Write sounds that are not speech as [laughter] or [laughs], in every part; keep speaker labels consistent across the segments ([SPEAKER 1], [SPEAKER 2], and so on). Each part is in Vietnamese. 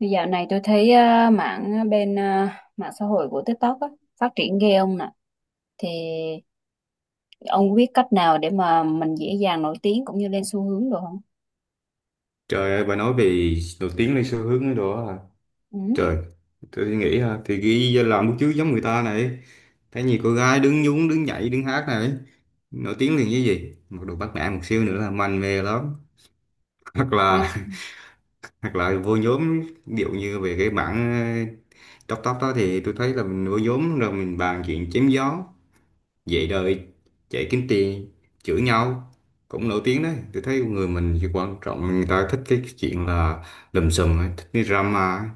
[SPEAKER 1] Thì dạo này tôi thấy mạng mạng xã hội của TikTok á, phát triển ghê ông nè. Thì ông có biết cách nào để mà mình dễ dàng nổi tiếng cũng như lên xu hướng được không?
[SPEAKER 2] Trời ơi, bà nói về nổi tiếng lên xu hướng đó à.
[SPEAKER 1] Ừ.
[SPEAKER 2] Trời, tôi nghĩ ha, thì ghi ra làm một chứ giống người ta này. Thấy nhiều cô gái đứng nhún, đứng nhảy, đứng hát này. Nổi tiếng liền với gì? Một đồ bắt nạt một xíu nữa là manh mê lắm. [laughs] Hoặc
[SPEAKER 1] Ừ.
[SPEAKER 2] là hoặc là vô nhóm, ví dụ như về cái bản tóc tóc đó thì tôi thấy là mình vô nhóm rồi mình bàn chuyện chém gió, vậy đời chạy kiếm tiền chửi nhau cũng nổi tiếng đấy. Tôi thấy con người mình chỉ quan trọng người ta thích cái chuyện là lùm xùm ấy, thích cái drama ấy.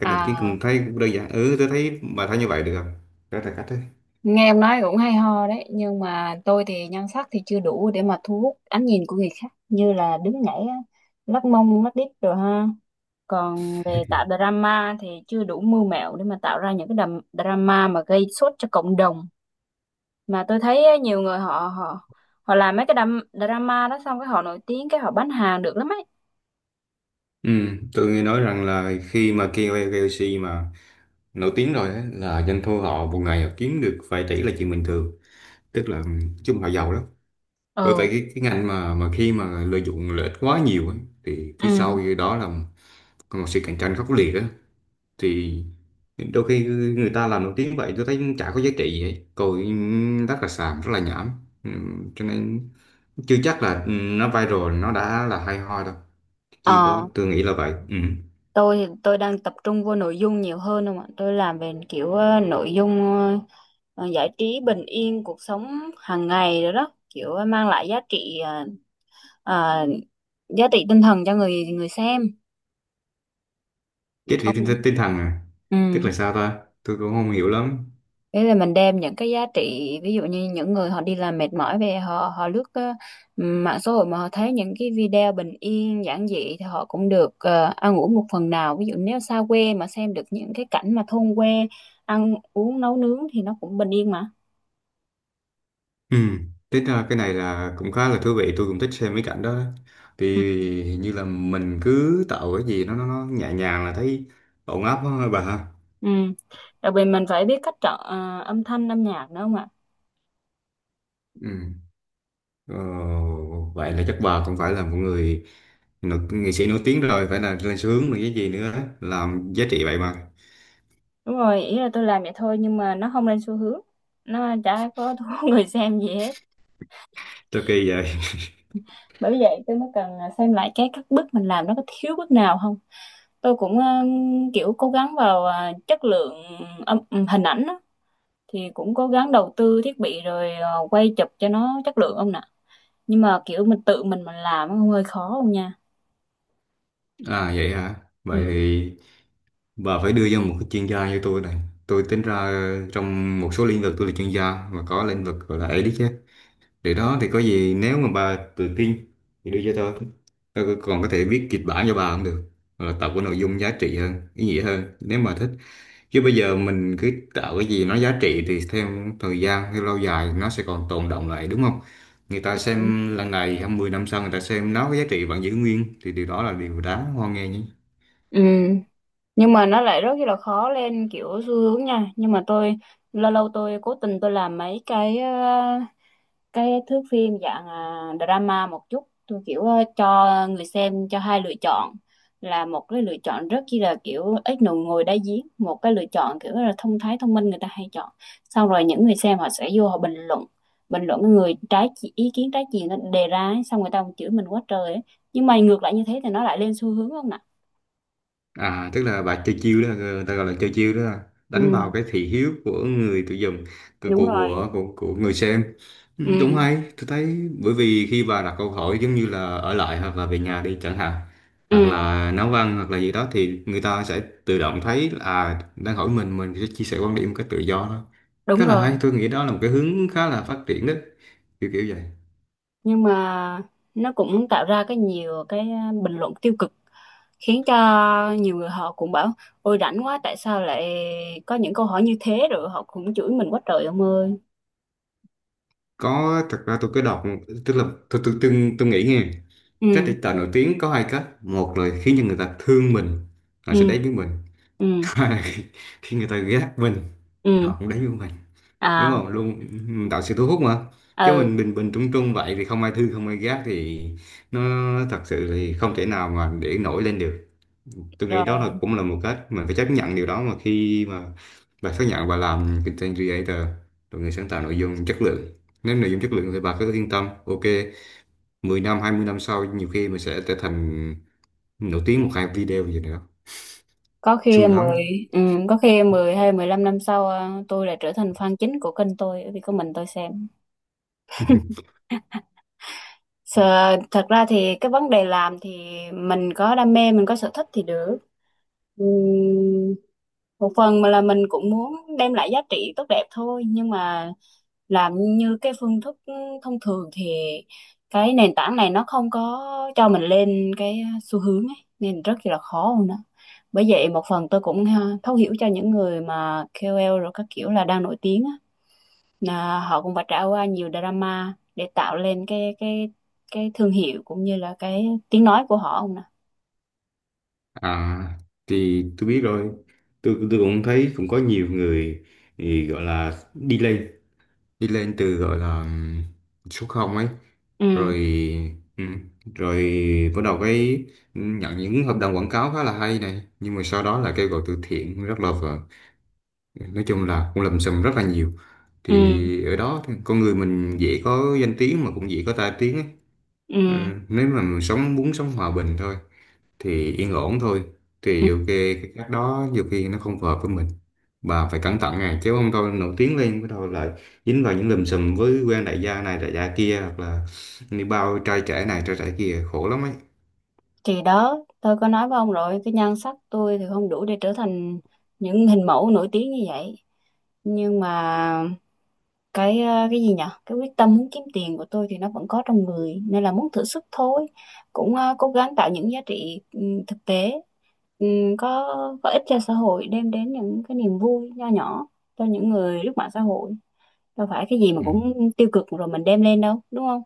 [SPEAKER 2] Cách đầu tiên
[SPEAKER 1] À,
[SPEAKER 2] cũng thấy cũng đơn giản, ừ, tôi thấy bà thấy như vậy được không? Đó là cách đấy.
[SPEAKER 1] Nghe em nói cũng hay ho đấy, nhưng mà tôi thì nhan sắc thì chưa đủ để mà thu hút ánh nhìn của người khác, như là đứng nhảy á, lắc mông lắc đít rồi ha. Còn về tạo drama thì chưa đủ mưu mẹo để mà tạo ra những drama mà gây sốt cho cộng đồng, mà tôi thấy á, nhiều người họ họ họ làm mấy cái drama đó, xong cái họ nổi tiếng, cái họ bán hàng được lắm ấy.
[SPEAKER 2] Ừ, tôi nghe nói rằng là khi mà KOL KOC mà nổi tiếng rồi ấy, là doanh thu họ một ngày họ kiếm được vài tỷ là chuyện bình thường, tức là chung họ giàu lắm. Bởi vậy
[SPEAKER 1] Ừ.
[SPEAKER 2] cái ngành mà khi mà lợi dụng lợi ích quá nhiều ấy, thì phía
[SPEAKER 1] Ừ.
[SPEAKER 2] sau đó là một sự cạnh tranh khốc liệt đó. Thì đôi khi người ta làm nổi tiếng vậy tôi thấy chả có giá trị gì hết coi, rất là xàm rất là nhảm. Cho nên chưa chắc là nó viral nó đã là hay ho đâu, chưa có,
[SPEAKER 1] ờ
[SPEAKER 2] tôi nghĩ là vậy. Ừ.
[SPEAKER 1] tôi thì tôi đang tập trung vô nội dung nhiều hơn không ạ. Tôi làm về kiểu nội dung giải trí, bình yên cuộc sống hàng ngày rồi đó, kiểu mang lại giá trị ờ, giá trị tinh thần cho người người xem
[SPEAKER 2] Cái thì
[SPEAKER 1] ông.
[SPEAKER 2] tinh thần à? Tức
[SPEAKER 1] Ừ.
[SPEAKER 2] là sao ta, tôi cũng không hiểu lắm.
[SPEAKER 1] Thế là mình đem những cái giá trị, ví dụ như những người họ đi làm mệt mỏi về, họ họ lướt mạng xã hội mà họ thấy những cái video bình yên giản dị, thì họ cũng được ăn uống một phần nào. Ví dụ nếu xa quê mà xem được những cái cảnh mà thôn quê ăn uống nấu nướng thì nó cũng bình yên mà.
[SPEAKER 2] Ừ, thế ra cái này là cũng khá là thú vị, tôi cũng thích xem mấy cảnh đó. Thì
[SPEAKER 1] Ừ.
[SPEAKER 2] hình như là mình cứ tạo cái gì nó nhẹ nhàng là thấy ổn áp quá hả bà ha.
[SPEAKER 1] Ừ. Đặc biệt mình phải biết cách chọn âm thanh âm nhạc nữa không ạ.
[SPEAKER 2] Ừ. Ờ, vậy là chắc bà cũng phải là một người nghệ sĩ nổi tiếng rồi, phải là lên sướng rồi cái gì nữa, làm giá trị vậy mà.
[SPEAKER 1] Đúng rồi, ý là tôi làm vậy thôi nhưng mà nó không lên xu hướng, nó chả có thu [laughs] người xem gì hết.
[SPEAKER 2] Rất kỳ vậy. [laughs]
[SPEAKER 1] Bởi vậy tôi mới cần à, xem lại cái các bước mình làm nó có thiếu bước nào không. Tôi cũng kiểu cố gắng vào chất lượng âm hình ảnh á. Thì cũng cố gắng đầu tư thiết bị rồi quay chụp cho nó chất lượng ông nè, nhưng mà kiểu mình tự mình làm nó hơi khó không nha.
[SPEAKER 2] À vậy hả? Vậy
[SPEAKER 1] Ừ.
[SPEAKER 2] thì bà phải đưa ra một cái chuyên gia như tôi này. Tôi tính ra trong một số lĩnh vực tôi là chuyên gia, mà có lĩnh vực gọi là ấy đấy chứ. Để đó thì có gì nếu mà bà tự tin thì đưa cho tôi còn có thể viết kịch bản cho bà cũng được, hoặc là tạo cái nội dung giá trị hơn ý nghĩa hơn nếu mà thích. Chứ bây giờ mình cứ tạo cái gì nó giá trị thì theo thời gian theo lâu dài nó sẽ còn tồn đọng lại đúng không? Người ta xem lần này 20 năm sau người ta xem nó cái giá trị vẫn giữ nguyên thì điều đó là điều đáng hoan nghênh nhé.
[SPEAKER 1] Ừ. Nhưng mà nó lại rất là khó lên kiểu xu hướng nha. Nhưng mà tôi lâu lâu tôi cố tình tôi làm mấy cái thước phim dạng à, drama một chút, tôi kiểu cho người xem cho hai lựa chọn, là một cái lựa chọn rất chi là kiểu ít nụ ngồi đá giếng, một cái lựa chọn kiểu là thông thái thông minh người ta hay chọn. Xong rồi những người xem họ sẽ vô họ bình luận cái ý kiến trái chiều nó đề ra ấy, xong người ta còn chửi mình quá trời ấy. Nhưng mà ngược lại như thế thì nó lại lên xu hướng không nè.
[SPEAKER 2] À, tức là bà chơi chiêu đó, người ta gọi là chơi chiêu đó, đánh
[SPEAKER 1] Ừ,
[SPEAKER 2] vào cái thị hiếu của người tiêu dùng, của
[SPEAKER 1] đúng rồi.
[SPEAKER 2] của của, của, người xem. Ừ, đúng
[SPEAKER 1] Ừ.
[SPEAKER 2] hay, tôi thấy bởi vì khi bà đặt câu hỏi giống như là ở lại hoặc là về nhà đi chẳng hạn, hoặc
[SPEAKER 1] Ừ,
[SPEAKER 2] là nấu ăn hoặc là gì đó thì người ta sẽ tự động thấy là à, đang hỏi mình sẽ chia sẻ quan điểm một cách tự do đó.
[SPEAKER 1] đúng
[SPEAKER 2] Khá là
[SPEAKER 1] rồi.
[SPEAKER 2] hay, tôi nghĩ đó là một cái hướng khá là phát triển đó, kiểu kiểu vậy.
[SPEAKER 1] Nhưng mà nó cũng tạo ra nhiều cái à, bình luận tiêu cực, khiến cho nhiều người họ cũng bảo ôi rảnh quá, tại sao lại có những câu hỏi như thế, rồi họ cũng chửi mình quá trời ông ơi.
[SPEAKER 2] Có, thật ra tôi có tức là tôi nghĩ nghe cách
[SPEAKER 1] Ừ.
[SPEAKER 2] để tạo nổi tiếng có hai cách: một là khiến cho người ta thương mình, họ
[SPEAKER 1] Ừ.
[SPEAKER 2] sẽ đến với mình.
[SPEAKER 1] Ừ.
[SPEAKER 2] [laughs] Hai là khi khi người ta ghét mình
[SPEAKER 1] Ừ.
[SPEAKER 2] họ cũng đến với mình, đúng
[SPEAKER 1] À.
[SPEAKER 2] không luôn, mình tạo sự thu hút mà. Chứ
[SPEAKER 1] Ừ.
[SPEAKER 2] mình bình bình trung trung vậy thì không ai thương không ai ghét thì nó thật sự thì không thể nào mà để nổi lên được. Tôi nghĩ đó là
[SPEAKER 1] Rồi.
[SPEAKER 2] cũng là một cách mình phải chấp nhận điều đó, mà khi mà bà xác nhận bà làm content creator rồi, người sáng tạo nội dung chất lượng, nếu nội dung chất lượng thì bà cứ yên tâm, ok, 10 năm 20 năm sau nhiều khi mình sẽ trở thành nổi tiếng một hai video gì nữa,
[SPEAKER 1] Có khi
[SPEAKER 2] xui lắm á.
[SPEAKER 1] mười. Ừ, có khi mười hay mười lăm năm sau à, tôi lại trở thành fan chính của kênh tôi bởi vì có mình tôi xem.
[SPEAKER 2] [laughs]
[SPEAKER 1] Sợ. Thật ra thì cái vấn đề làm thì mình có đam mê mình có sở thích thì được. Ừ, một phần mà là mình cũng muốn đem lại giá trị tốt đẹp thôi, nhưng mà làm như cái phương thức thông thường thì cái nền tảng này nó không có cho mình lên cái xu hướng ấy, nên rất là khó luôn đó. Bởi vậy một phần tôi cũng ha, thấu hiểu cho những người mà KOL rồi các kiểu là đang nổi tiếng á, là họ cũng phải trải qua nhiều drama để tạo lên cái thương hiệu cũng như là cái tiếng nói của họ không nè.
[SPEAKER 2] À thì tôi biết rồi, tôi cũng thấy cũng có nhiều người thì gọi là đi lên. Đi lên từ gọi là số không ấy,
[SPEAKER 1] Ừ.
[SPEAKER 2] rồi ừm, rồi bắt đầu cái nhận những hợp đồng quảng cáo khá là hay này, nhưng mà sau đó là kêu gọi từ thiện rất là vợ, nói chung là cũng lầm xùm rất là nhiều.
[SPEAKER 1] Ừ.
[SPEAKER 2] Thì ở đó thì con người mình dễ có danh tiếng mà cũng dễ có tai tiếng ấy. Ừ,
[SPEAKER 1] Ừ.
[SPEAKER 2] nếu mà mình sống muốn sống hòa bình thôi thì yên ổn thôi, thì ok, cái cách đó nhiều khi nó không phù hợp với mình. Bà phải cẩn thận này, chứ không thôi nổi tiếng lên bắt đầu lại dính vào những lùm xùm với quen đại gia này đại gia kia, hoặc là đi bao trai trẻ này trai trẻ kia khổ lắm ấy.
[SPEAKER 1] Thì đó, tôi có nói với ông rồi, cái nhan sắc tôi thì không đủ để trở thành những hình mẫu nổi tiếng như vậy. Nhưng mà cái cái gì nhở? Cái quyết tâm muốn kiếm tiền của tôi thì nó vẫn có trong người, nên là muốn thử sức thôi. Cũng cố gắng tạo những giá trị ừ, thực tế, ừ, có có ích cho xã hội, đem đến những cái niềm vui nho nhỏ cho những người lướt mạng xã hội. Đâu phải cái gì mà
[SPEAKER 2] Ừ.
[SPEAKER 1] cũng tiêu cực rồi mình đem lên đâu, đúng không?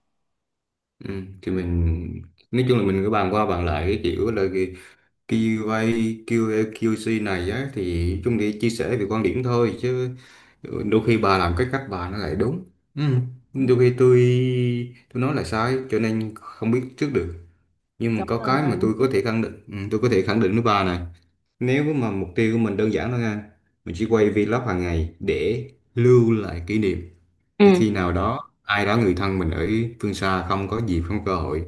[SPEAKER 2] Ừ. Thì mình, nói chung là mình cứ bàn qua bàn lại cái kiểu là QA, QA, QC này á, thì chung để chia sẻ về quan điểm thôi, chứ đôi khi bà làm cái cách bà nó lại đúng. Ừ.
[SPEAKER 1] Ừ,
[SPEAKER 2] Đôi khi tôi nói là sai, cho nên không biết trước được. Nhưng mà
[SPEAKER 1] đúng
[SPEAKER 2] có cái mà
[SPEAKER 1] rồi.
[SPEAKER 2] tôi có thể khẳng định, ừ, tôi có thể khẳng định với bà này: nếu mà mục tiêu của mình đơn giản thôi nha, mình chỉ quay vlog hàng ngày để lưu lại kỷ niệm, để
[SPEAKER 1] Ừ.
[SPEAKER 2] khi nào đó ai đó người thân mình ở phương xa không có dịp không có cơ hội,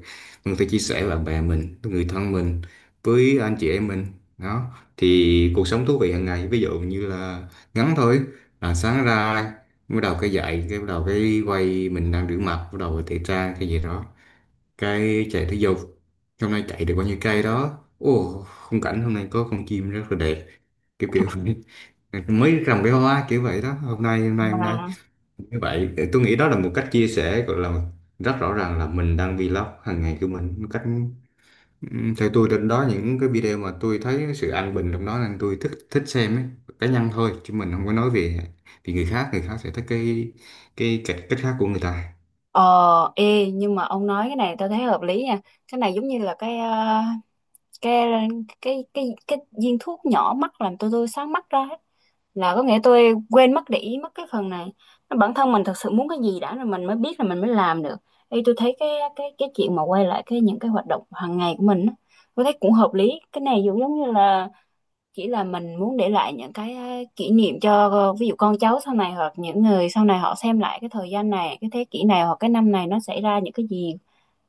[SPEAKER 2] mình phải chia sẻ với bạn bè mình, với người thân mình, với anh chị em mình, đó, thì cuộc sống thú vị hàng ngày ví dụ như là ngắn thôi, là sáng ra bắt đầu cái dậy cái bắt đầu cái quay mình đang rửa mặt bắt đầu tẩy trang cái gì đó, cái chạy thể dục hôm nay chạy được bao nhiêu cây đó, ồ khung cảnh hôm nay có con chim rất là đẹp, kiểu kiểu [laughs] vậy. Mới trồng cái hoa kiểu vậy đó, hôm nay
[SPEAKER 1] Mà
[SPEAKER 2] như vậy thì tôi nghĩ đó là một cách chia sẻ gọi là rất rõ ràng là mình đang vlog hàng ngày của mình một cách theo tôi. Đến đó những cái video mà tôi thấy sự an bình trong đó nên tôi thích thích xem ấy, cá nhân thôi chứ mình không có nói về vì người khác. Người khác sẽ thích cái cách cách khác của người ta.
[SPEAKER 1] ờ, ê, nhưng mà ông nói cái này tao thấy hợp lý nha. Cái này giống như là cái cái cái viên thuốc nhỏ mắt làm tôi sáng mắt ra ấy. Là có nghĩa tôi quên mất để ý mất cái phần này. Nó. Bản thân mình thật sự muốn cái gì đã rồi mình mới biết là mình mới làm được. Ê, tôi thấy cái chuyện mà quay lại cái những cái hoạt động hàng ngày của mình á, tôi thấy cũng hợp lý. Cái này giống giống như là chỉ là mình muốn để lại những cái kỷ niệm cho ờ, ví dụ con cháu sau này, hoặc những người sau này họ xem lại cái thời gian này, cái thế kỷ này hoặc cái năm này nó xảy ra những cái gì,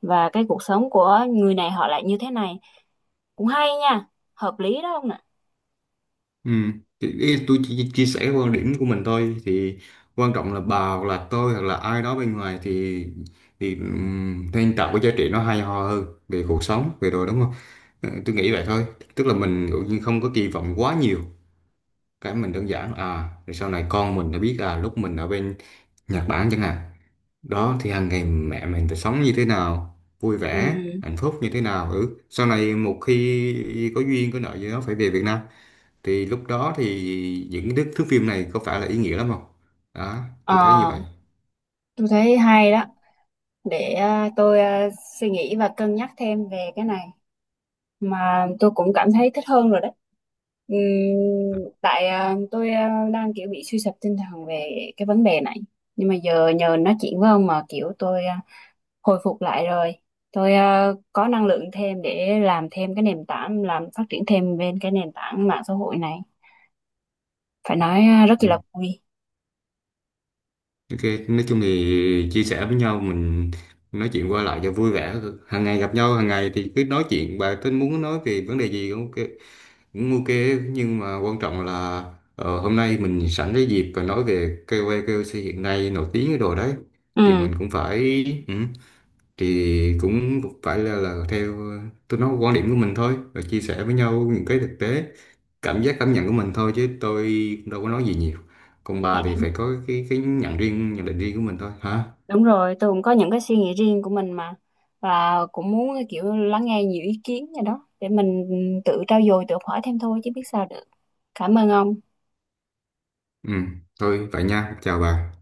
[SPEAKER 1] và cái cuộc sống của người này họ lại như thế này. Cũng hay nha, hợp lý đó không nè.
[SPEAKER 2] Ừ. Thì ý- tôi chỉ chia sẻ quan điểm của mình thôi, thì quan trọng là bà hoặc là tôi hoặc là ai đó bên ngoài thì nên tạo cái giá trị nó hay ho hơn về cuộc sống về đồ, đúng không? Ờ, tôi nghĩ vậy thôi, tức là mình dụ như không có kỳ vọng quá nhiều, cái mình đơn giản à, rồi sau này con mình đã biết à lúc mình ở bên Nhật Bản chẳng hạn đó, thì hàng ngày mẹ mình phải sống như thế nào, vui
[SPEAKER 1] Ừ.
[SPEAKER 2] vẻ hạnh phúc như thế nào, ừ, sau này một khi có duyên có nợ gì đó phải về Việt Nam thì lúc đó thì những cái thước phim này có phải là ý nghĩa lắm không? Đó tôi thấy như
[SPEAKER 1] Ờ,
[SPEAKER 2] vậy.
[SPEAKER 1] tôi thấy hay đó, để suy nghĩ và cân nhắc thêm về cái này. Mà tôi cũng cảm thấy thích hơn rồi đấy. Ừm, tại à, tôi à, đang kiểu bị suy sụp tinh thần về cái vấn đề này, nhưng mà giờ nhờ nói chuyện với ông mà kiểu tôi à, hồi phục lại rồi, tôi à, có năng lượng thêm để làm thêm cái nền tảng, làm phát triển thêm bên cái nền tảng mạng xã hội này. Phải nói à, rất
[SPEAKER 2] Ừ.
[SPEAKER 1] là vui.
[SPEAKER 2] Ok, nói chung thì chia sẻ với nhau mình nói chuyện qua lại cho vui vẻ, hàng ngày gặp nhau hàng ngày thì cứ nói chuyện bà tính muốn nói về vấn đề gì cũng ok, cũng ok. Nhưng mà quan trọng là hôm nay mình sẵn cái dịp và nói về KOL KOC hiện nay nổi tiếng cái đồ đấy, thì
[SPEAKER 1] Ừ.
[SPEAKER 2] mình cũng phải, ừ, thì cũng phải là theo tôi nói quan điểm của mình thôi và chia sẻ với nhau những cái thực tế cảm giác cảm nhận của mình thôi, chứ tôi đâu có nói gì nhiều. Còn bà thì phải có cái nhận riêng nhận định riêng của mình thôi hả.
[SPEAKER 1] Đúng rồi, tôi cũng có những cái suy nghĩ riêng của mình mà, và cũng muốn kiểu lắng nghe nhiều ý kiến gì đó để mình tự trau dồi tự học hỏi thêm thôi chứ biết sao được. Cảm ơn ông.
[SPEAKER 2] Ừ, thôi vậy nha, chào bà.